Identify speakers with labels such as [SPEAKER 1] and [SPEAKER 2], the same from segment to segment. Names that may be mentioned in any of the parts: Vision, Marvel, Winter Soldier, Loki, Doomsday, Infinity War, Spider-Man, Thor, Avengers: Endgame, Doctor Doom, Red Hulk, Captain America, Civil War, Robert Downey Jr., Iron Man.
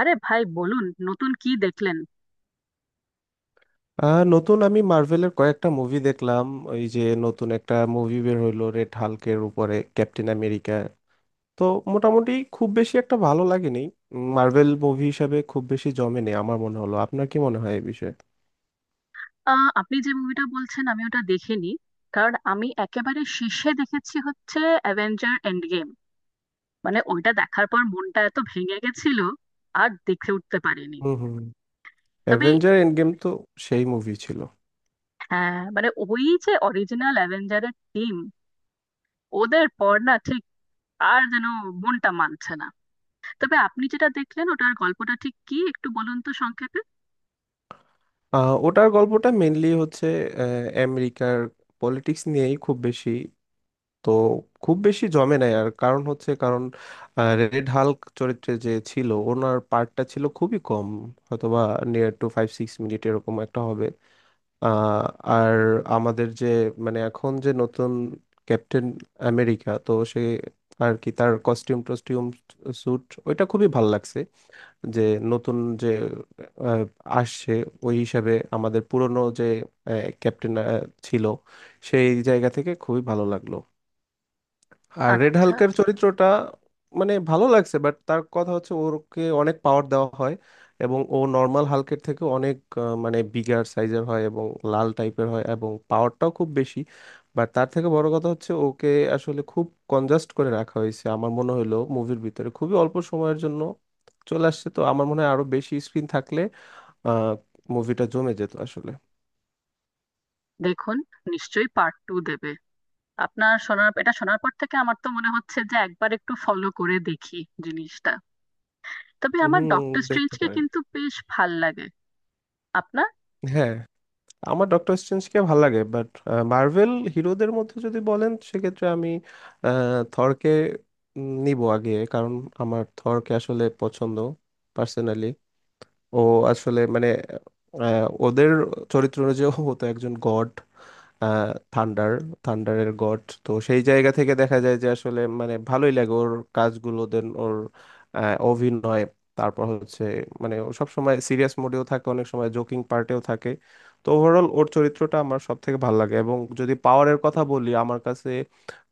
[SPEAKER 1] আরে ভাই বলুন, নতুন কি দেখলেন?
[SPEAKER 2] নতুন আমি মার্ভেলের কয়েকটা মুভি দেখলাম। ওই যে নতুন একটা মুভি বের হইলো রেড হাল্কের উপরে, ক্যাপ্টেন আমেরিকা। তো মোটামুটি খুব বেশি একটা ভালো লাগেনি, মার্ভেল মুভি হিসাবে খুব বেশি জমেনি আমার মনে হলো। আপনার কি মনে হয় এই বিষয়ে?
[SPEAKER 1] আপনি যে মুভিটা বলছেন আমি ওটা দেখিনি। কারণ আমি একেবারে শেষে দেখেছি হচ্ছে অ্যাভেঞ্জার এন্ড গেম। মানে ওইটা দেখার পর মনটা এত ভেঙে গেছিল, আর দেখে উঠতে পারিনি।
[SPEAKER 2] হুম হুম।
[SPEAKER 1] তবে
[SPEAKER 2] অ্যাভেঞ্জার এন্ড গেম তো সেই মুভি ছিল।
[SPEAKER 1] হ্যাঁ, মানে ওই যে অরিজিনাল অ্যাভেঞ্জারের টিম, ওদের পর না ঠিক আর যেন মনটা মানছে না। তবে আপনি যেটা দেখলেন ওটার গল্পটা ঠিক কি একটু বলুন তো সংক্ষেপে।
[SPEAKER 2] ওটার গল্পটা মেনলি হচ্ছে আমেরিকার পলিটিক্স নিয়েই খুব বেশি। তো খুব বেশি জমে নাই আর, কারণ হচ্ছে রেড হাল্ক চরিত্রে যে ছিল ওনার পার্টটা ছিল খুবই কম। হয়তোবা নিয়ার টু 5-6 মিনিট এরকম একটা হবে। আহ, আর আমাদের যে, মানে এখন যে নতুন ক্যাপ্টেন আমেরিকা, তো সে আর কি তার কস্টিউম টস্টিউম, স্যুট, ওইটা খুবই ভাল লাগছে। যে নতুন যে আহ, আসছে, ওই হিসাবে আমাদের পুরনো যে ক্যাপ্টেন ছিল, সেই জায়গা থেকে খুবই ভালো লাগলো। আর রেড
[SPEAKER 1] আচ্ছা,
[SPEAKER 2] হাল্কের চরিত্রটা মানে ভালো লাগছে, বাট তার কথা হচ্ছে ওকে অনেক পাওয়ার দেওয়া হয়, এবং ও নর্মাল হাল্কের থেকে অনেক মানে বিগার সাইজের হয় এবং লাল টাইপের হয় এবং পাওয়ারটাও খুব বেশি। বাট তার থেকে বড় কথা হচ্ছে ওকে আসলে খুব কনজাস্ট করে রাখা হয়েছে আমার মনে হলো, মুভির ভিতরে খুবই অল্প সময়ের জন্য চলে আসছে। তো আমার মনে হয় আরো বেশি স্ক্রিন থাকলে আহ মুভিটা জমে যেত আসলে।
[SPEAKER 1] দেখুন, নিশ্চয়ই পার্ট টু দেবে। আপনার শোনার এটা শোনার পর থেকে আমার তো মনে হচ্ছে যে একবার একটু ফলো করে দেখি জিনিসটা। তবে আমার
[SPEAKER 2] হুম,
[SPEAKER 1] ডক্টর
[SPEAKER 2] দেখতে
[SPEAKER 1] স্ট্রেঞ্জকে
[SPEAKER 2] পারেন।
[SPEAKER 1] কিন্তু বেশ ভাল লাগে। আপনার?
[SPEAKER 2] হ্যাঁ, আমার ডক্টর স্ট্রেঞ্জকে ভালো লাগে, বাট মার্ভেল হিরোদের মধ্যে যদি বলেন সেক্ষেত্রে আমি থরকে নিব আগে। কারণ আমার থরকে আসলে পছন্দ, পার্সোনালি। ও আসলে মানে ওদের চরিত্র অনুযায়ী ও তো একজন গড, থান্ডার, থান্ডারের গড। তো সেই জায়গা থেকে দেখা যায় যে আসলে মানে ভালোই লাগে ওর কাজগুলো, দেন ওর অভিনয়। তারপর হচ্ছে মানে ও সব সময় সিরিয়াস মোডেও থাকে, অনেক সময় জোকিং পার্টেও থাকে। তো ওভারঅল ওর চরিত্রটা আমার সব থেকে ভালো লাগে। এবং যদি পাওয়ারের কথা বলি, আমার কাছে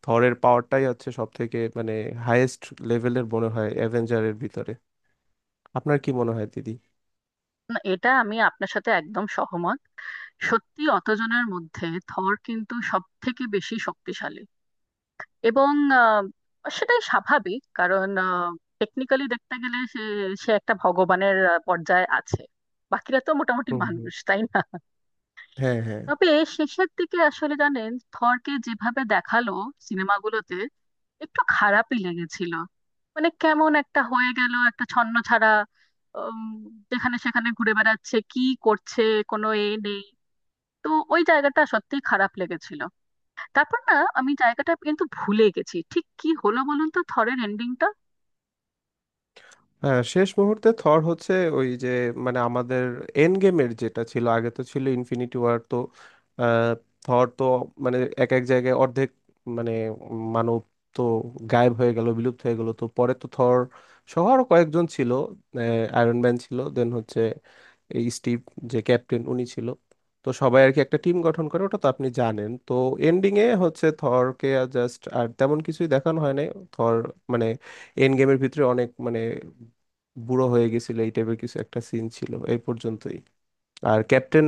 [SPEAKER 2] থরের পাওয়ারটাই হচ্ছে সব থেকে মানে হাইয়েস্ট লেভেলের মনে হয় অ্যাভেঞ্জারের ভিতরে। আপনার কি মনে হয় দিদি?
[SPEAKER 1] না, এটা আমি আপনার সাথে একদম সহমত। সত্যি অতজনের মধ্যে থর কিন্তু সব থেকে বেশি শক্তিশালী এবং আহ, সেটাই স্বাভাবিক। কারণ টেকনিক্যালি দেখতে গেলে সে সে একটা ভগবানের পর্যায়ে আছে। বাকিরা তো মোটামুটি মানুষ, তাই না?
[SPEAKER 2] হ্যাঁ, হ্যাঁ।
[SPEAKER 1] তবে শেষের দিকে আসলে জানেন, থরকে যেভাবে দেখালো সিনেমাগুলোতে, একটু খারাপই লেগেছিল। মানে কেমন একটা হয়ে গেল, একটা ছন্নছাড়া, উম, যেখানে সেখানে ঘুরে বেড়াচ্ছে, কি করছে, কোনো এ নেই। তো ওই জায়গাটা সত্যিই খারাপ লেগেছিল। তারপর না, আমি জায়গাটা কিন্তু ভুলে গেছি, ঠিক কি হলো বলুন তো থরের এন্ডিংটা।
[SPEAKER 2] হ্যাঁ, শেষ মুহূর্তে থর হচ্ছে ওই যে মানে আমাদের এন্ড গেমের যেটা ছিল, আগে তো ছিল ইনফিনিটি ওয়ার। তো আহ, থর তো মানে এক এক জায়গায় অর্ধেক মানে মানব তো গায়েব হয়ে গেল, বিলুপ্ত হয়ে গেল। তো পরে তো থর সহ আরো কয়েকজন ছিল, আয়রন ম্যান ছিল, দেন হচ্ছে এই স্টিভ যে ক্যাপ্টেন, উনি ছিল। তো সবাই আর কি একটা টিম গঠন করে, ওটা তো আপনি জানেন। তো এন্ডিং এ হচ্ছে থরকে জাস্ট আর তেমন কিছুই দেখানো হয় নাই। থর মানে এন্ড গেমের ভিতরে অনেক মানে বুড়ো হয়ে গেছিল, এই টাইপের কিছু একটা সিন ছিল এই পর্যন্তই। আর ক্যাপ্টেন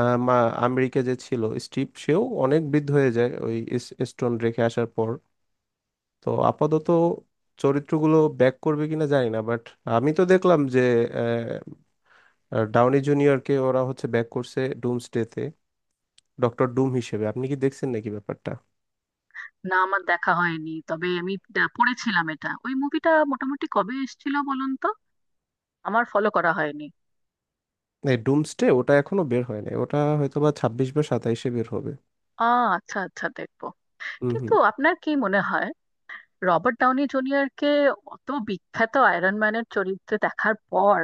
[SPEAKER 2] আমেরিকা যে ছিল স্টিভ, সেও অনেক বৃদ্ধ হয়ে যায় ওই স্টোন রেখে আসার পর। তো আপাতত চরিত্রগুলো ব্যাক করবে কিনা জানি না, বাট আমি তো দেখলাম যে আহ, ডাউনি জুনিয়রকে ওরা হচ্ছে ব্যাক করছে ডুমসডেতে, ডক্টর ডুম হিসেবে। আপনি কি দেখছেন নাকি ব্যাপারটা?
[SPEAKER 1] না, আমার দেখা হয়নি, তবে আমি পড়েছিলাম এটা। ওই মুভিটা মোটামুটি কবে এসেছিল বলুন তো? আমার ফলো করা হয়নি।
[SPEAKER 2] এই ডুমসডে ওটা এখনো বের হয়নি, ওটা হয়তো বা 26 বা 27-এ বের হবে।
[SPEAKER 1] আ, আচ্ছা আচ্ছা, দেখবো।
[SPEAKER 2] হুম
[SPEAKER 1] কিন্তু
[SPEAKER 2] হুম।
[SPEAKER 1] আপনার কি মনে হয়, রবার্ট ডাউনি জুনিয়রকে অত বিখ্যাত আয়রন ম্যানের চরিত্রে দেখার পর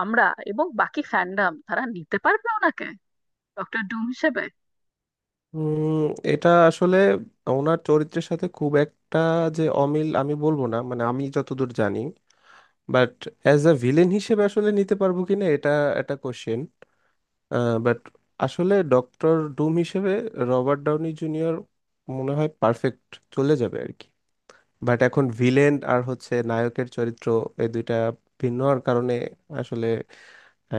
[SPEAKER 1] আমরা এবং বাকি ফ্যান্ডাম তারা নিতে পারবে ওনাকে ডক্টর ডুম হিসেবে?
[SPEAKER 2] উম, এটা আসলে ওনার চরিত্রের সাথে খুব একটা যে অমিল আমি বলবো না, মানে আমি যতদূর জানি। বাট অ্যাজ আ ভিলেন হিসেবে আসলে নিতে পারবো কিনা, এটা একটা কোশ্চেন। বাট আসলে ডক্টর ডুম হিসেবে রবার্ট ডাউনি জুনিয়র মনে হয় পারফেক্ট চলে যাবে আর কি। বাট এখন ভিলেন আর হচ্ছে নায়কের চরিত্র, এই দুইটা ভিন্ন হওয়ার কারণে আসলে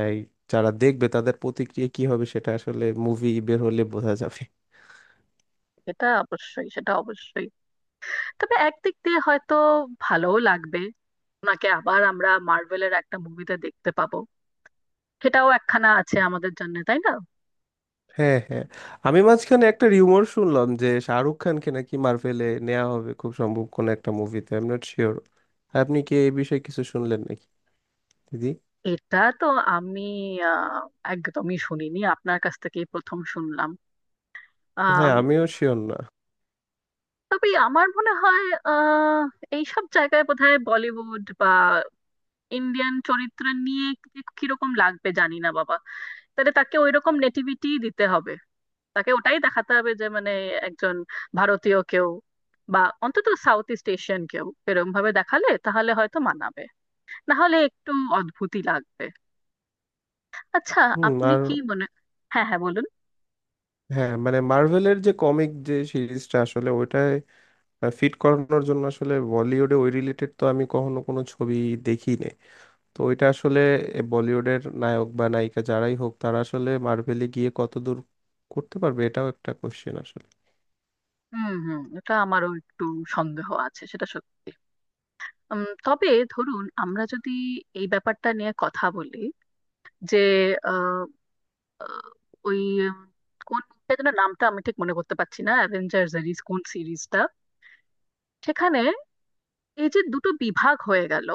[SPEAKER 2] এই যারা দেখবে তাদের প্রতিক্রিয়া কি হবে সেটা আসলে মুভি বের হলে বোঝা যাবে।
[SPEAKER 1] এটা অবশ্যই, সেটা অবশ্যই। তবে একদিক দিয়ে হয়তো ভালোও লাগবে, ওনাকে আবার আমরা মার্ভেলের একটা মুভিতে দেখতে পাবো। সেটাও একখানা আছে আমাদের জন্য, তাই না?
[SPEAKER 2] হ্যাঁ হ্যাঁ। আমি মাঝখানে একটা রিউমার শুনলাম যে শাহরুখ খানকে নাকি মার্ভেলে নেওয়া হবে, খুব সম্ভব কোনো একটা মুভিতে। I am not sure. আপনি কি এই বিষয়ে কিছু শুনলেন নাকি দিদি?
[SPEAKER 1] এটা তো আমি আহ, একদমই শুনিনি, আপনার কাছ থেকেই প্রথম শুনলাম।
[SPEAKER 2] হ্যাঁ, আমিও শিওর না।
[SPEAKER 1] তবে আমার মনে হয় আহ এইসব জায়গায় বোধহয় বলিউড বা ইন্ডিয়ান চরিত্র নিয়ে কিরকম লাগবে জানি না বাবা। তাহলে তাকে ওই রকম নেটিভিটি দিতে হবে, তাকে ওটাই দেখাতে হবে যে মানে একজন ভারতীয় কেউ, বা অন্তত সাউথ ইস্ট এশিয়ান কেউ, এরকম ভাবে দেখালে তাহলে হয়তো মানাবে, না হলে একটু অদ্ভুতই লাগবে। আচ্ছা,
[SPEAKER 2] হুম।
[SPEAKER 1] আপনি
[SPEAKER 2] আর
[SPEAKER 1] কি মনে — হ্যাঁ হ্যাঁ, বলুন।
[SPEAKER 2] হ্যাঁ, মানে মার্ভেলের যে কমিক যে সিরিজটা, আসলে ওইটায় ফিট করানোর জন্য আসলে বলিউডে ওই রিলেটেড তো আমি কখনো কোনো ছবি দেখি নাই। তো ওইটা আসলে এ বলিউডের নায়ক বা নায়িকা যারাই হোক, তারা আসলে মার্ভেলে গিয়ে কতদূর করতে পারবে এটাও একটা কোশ্চেন আসলে।
[SPEAKER 1] হুম হুম, এটা আমারও একটু সন্দেহ আছে, সেটা সত্যি। তবে ধরুন আমরা যদি এই ব্যাপারটা নিয়ে কথা বলি, যে আহ, আহ, ওই উম, কোন মুভিটা যেন, নামটা আমি ঠিক মনে করতে পারছি না, অ্যাভেঞ্জার্স সিরিজ কোন সিরিজটা, সেখানে এই যে দুটো বিভাগ হয়ে গেল।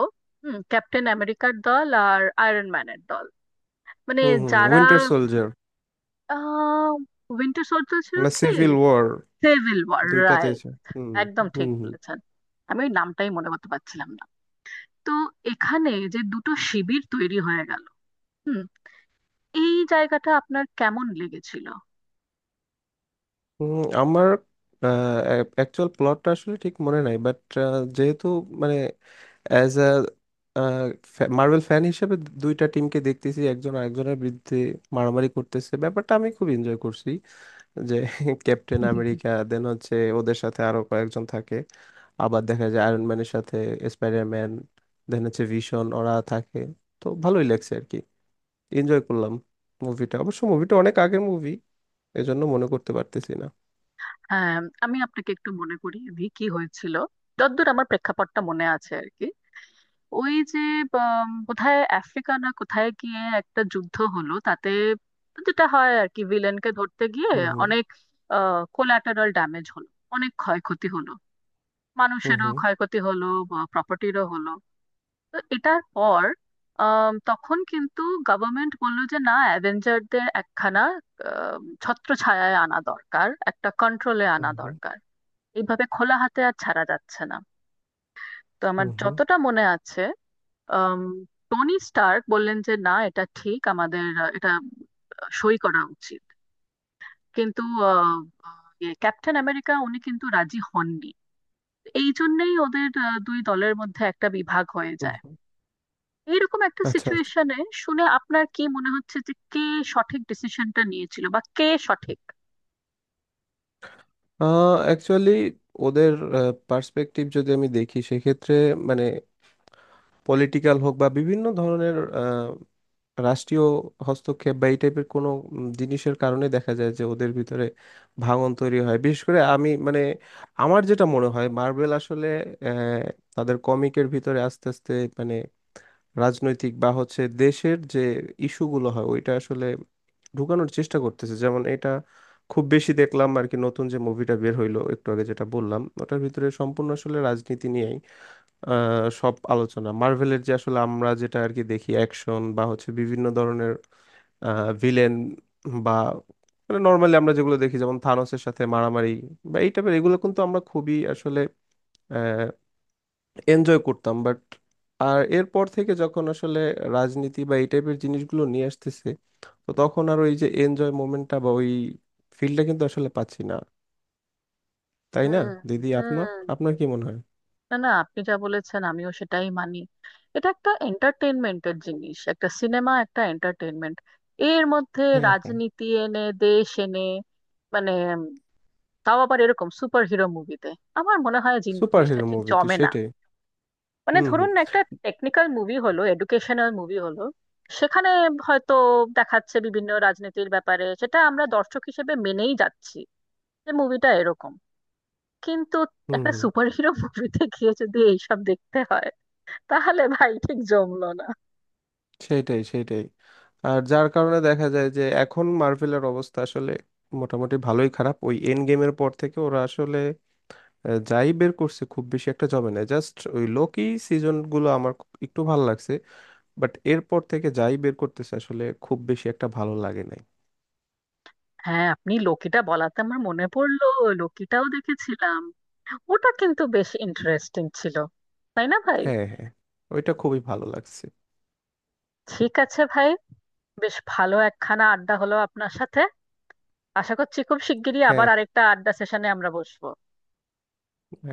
[SPEAKER 1] হুম, ক্যাপ্টেন আমেরিকার দল আর আয়রন ম্যানের দল। মানে
[SPEAKER 2] হুম হুম।
[SPEAKER 1] যারা
[SPEAKER 2] winter soldier.
[SPEAKER 1] Ah winter soldier ছিল
[SPEAKER 2] না,
[SPEAKER 1] কি?
[SPEAKER 2] Civil war.
[SPEAKER 1] সিভিল ওয়ার,
[SPEAKER 2] দুইটাতে
[SPEAKER 1] রাইট।
[SPEAKER 2] আছে। হুম
[SPEAKER 1] একদম ঠিক
[SPEAKER 2] হুম হুম।
[SPEAKER 1] বলেছেন, আমি ওই নামটাই মনে করতে পারছিলাম না। তো এখানে যে দুটো শিবির তৈরি হয়ে গেল, এই জায়গাটা আপনার কেমন লেগেছিল?
[SPEAKER 2] হুম, আমার অ্যাকচুয়াল প্লটটা আসলে ঠিক মনে নাই, বাট যেহেতু মানে অ্যাজ আ মার্বেল ফ্যান হিসেবে দুইটা টিমকে দেখতেছি একজন আরেকজনের বিরুদ্ধে মারামারি করতেছে, ব্যাপারটা আমি খুব এনজয় করছি। যে ক্যাপ্টেন আমেরিকা দেন হচ্ছে ওদের সাথে আরো কয়েকজন থাকে, আবার দেখা যায় আয়রন ম্যানের সাথে স্পাইডারম্যান, দেন হচ্ছে ভিশন, ওরা থাকে। তো ভালোই লাগছে আর কি, এনজয় করলাম। মুভিটা অনেক আগের মুভি, এজন্য মনে করতে পারতেছি না।
[SPEAKER 1] হ্যাঁ, আমি আপনাকে একটু মনে করিয়ে দিই কি হয়েছিল, যতদূর আমার প্রেক্ষাপটটা মনে আছে আর কি। ওই যে কোথায় আফ্রিকা না কোথায় গিয়ে একটা যুদ্ধ হলো, তাতে যেটা হয় আর কি, ভিলেনকে ধরতে গিয়ে
[SPEAKER 2] হুম হুম
[SPEAKER 1] অনেক কোলাটারাল ড্যামেজ হলো, অনেক ক্ষয়ক্ষতি হলো, মানুষেরও
[SPEAKER 2] হুম
[SPEAKER 1] ক্ষয়ক্ষতি হলো, প্রপার্টিরও হলো। তো এটার পর তখন কিন্তু গভর্নমেন্ট বললো যে না, অ্যাভেঞ্জারদের একখানা ছত্রছায়ায় আনা দরকার, একটা কন্ট্রোলে আনা
[SPEAKER 2] হুম হুম হুম
[SPEAKER 1] দরকার, এইভাবে খোলা হাতে আর ছাড়া যাচ্ছে না। তো আমার
[SPEAKER 2] হুম হুম
[SPEAKER 1] যতটা মনে আছে, আম, টনি স্টার্ক বললেন যে না, এটা ঠিক, আমাদের এটা সই করা উচিত। কিন্তু আহ, আহ, ইয়ে, ক্যাপ্টেন আমেরিকা উনি কিন্তু রাজি হননি। এই জন্যেই ওদের দুই দলের মধ্যে একটা বিভাগ হয়ে
[SPEAKER 2] হুম
[SPEAKER 1] যায়।
[SPEAKER 2] হুম।
[SPEAKER 1] এইরকম একটা
[SPEAKER 2] আচ্ছা আচ্ছা।
[SPEAKER 1] সিচুয়েশনে শুনে আপনার কি মনে হচ্ছে, যে কে সঠিক ডিসিশনটা নিয়েছিল, বা কে সঠিক?
[SPEAKER 2] অ্যাকচুয়ালি ওদের পার্সপেক্টিভ যদি আমি দেখি সেক্ষেত্রে মানে পলিটিক্যাল হোক বা বিভিন্ন ধরনের আহ, রাষ্ট্রীয় হস্তক্ষেপ বা এই টাইপের কোনো জিনিসের কারণে দেখা যায় যে ওদের ভিতরে ভাঙন তৈরি হয়। বিশেষ করে আমি মানে আমার যেটা মনে হয় মার্বেল আসলে আহ, তাদের কমিকের ভিতরে আস্তে আস্তে মানে রাজনৈতিক বা হচ্ছে দেশের যে ইস্যুগুলো হয় ওইটা আসলে ঢুকানোর চেষ্টা করতেছে। যেমন এটা খুব বেশি দেখলাম আর কি, নতুন যে মুভিটা বের হইলো একটু আগে যেটা বললাম, ওটার ভিতরে সম্পূর্ণ আসলে রাজনীতি নিয়েই সব আলোচনা। মার্ভেলের যে আসলে আমরা যেটা আর কি দেখি অ্যাকশন বা হচ্ছে বিভিন্ন ধরনের ভিলেন, বা মানে নর্মালি আমরা যেগুলো দেখি যেমন থানোসের সাথে মারামারি বা এই টাইপের, এগুলো কিন্তু আমরা খুবই আসলে এনজয় করতাম। বাট আর এরপর থেকে যখন আসলে রাজনীতি বা এই টাইপের জিনিসগুলো নিয়ে আসতেছে, তো তখন আর ওই যে এনজয় মোমেন্টটা বা ওই ফিলটা কিন্তু আসলে পাচ্ছি না। তাই না
[SPEAKER 1] হুম
[SPEAKER 2] দিদি, আপনার,
[SPEAKER 1] হুম।
[SPEAKER 2] আপনার কি মনে হয়?
[SPEAKER 1] না না, আপনি যা বলেছেন আমিও সেটাই মানি। এটা একটা এন্টারটেনমেন্টের জিনিস, একটা সিনেমা, একটা এন্টারটেনমেন্ট, এর মধ্যে
[SPEAKER 2] হ্যাঁ হ্যাঁ।
[SPEAKER 1] রাজনীতি এনে, দেশ এনে, মানে উম, তাও আবার এরকম সুপার হিরো মুভিতে, আমার মনে হয়
[SPEAKER 2] সুপার
[SPEAKER 1] জিনিসটা
[SPEAKER 2] হিরো
[SPEAKER 1] ঠিক
[SPEAKER 2] মুভি তো
[SPEAKER 1] জমে না।
[SPEAKER 2] সেটাই।
[SPEAKER 1] মানে
[SPEAKER 2] হুম
[SPEAKER 1] ধরুন
[SPEAKER 2] হুম
[SPEAKER 1] না, একটা টেকনিক্যাল মুভি হলো, এডুকেশনাল মুভি হলো, সেখানে হয়তো দেখাচ্ছে বিভিন্ন রাজনীতির ব্যাপারে, সেটা আমরা দর্শক হিসেবে মেনেই যাচ্ছি যে মুভিটা এরকম। কিন্তু
[SPEAKER 2] হুম
[SPEAKER 1] একটা
[SPEAKER 2] হুম।
[SPEAKER 1] সুপারহিরো মুভিতে গিয়ে যদি এইসব দেখতে হয়, তাহলে ভাই ঠিক জমলো না।
[SPEAKER 2] সেইটাই সেইটাই। আর যার কারণে দেখা যায় যে এখন মার্ভেলের অবস্থা আসলে মোটামুটি ভালোই খারাপ ওই এন্ড গেমের পর থেকে। ওরা আসলে যাই বের করছে খুব বেশি একটা জমে না, জাস্ট ওই লোকি সিজন গুলো আমার একটু ভালো লাগছে। বাট এরপর থেকে যাই বের করতেছে আসলে খুব বেশি একটা ভালো লাগে নাই।
[SPEAKER 1] হ্যাঁ, আপনি লোকিটা বলাতে আমার মনে পড়লো, লোকিটাও দেখেছিলাম। ওটা কিন্তু বেশ ইন্টারেস্টিং ছিল, তাই না ভাই?
[SPEAKER 2] হ্যাঁ হ্যাঁ, ওইটা খুবই ভালো লাগছে।
[SPEAKER 1] ঠিক আছে ভাই, বেশ ভালো একখানা আড্ডা হলো আপনার সাথে। আশা করছি খুব শিগগিরই আবার
[SPEAKER 2] হ্যাঁ
[SPEAKER 1] আরেকটা আড্ডা সেশনে আমরা বসবো।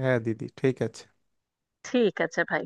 [SPEAKER 2] হ্যাঁ দিদি, ঠিক আছে।
[SPEAKER 1] ঠিক আছে ভাই।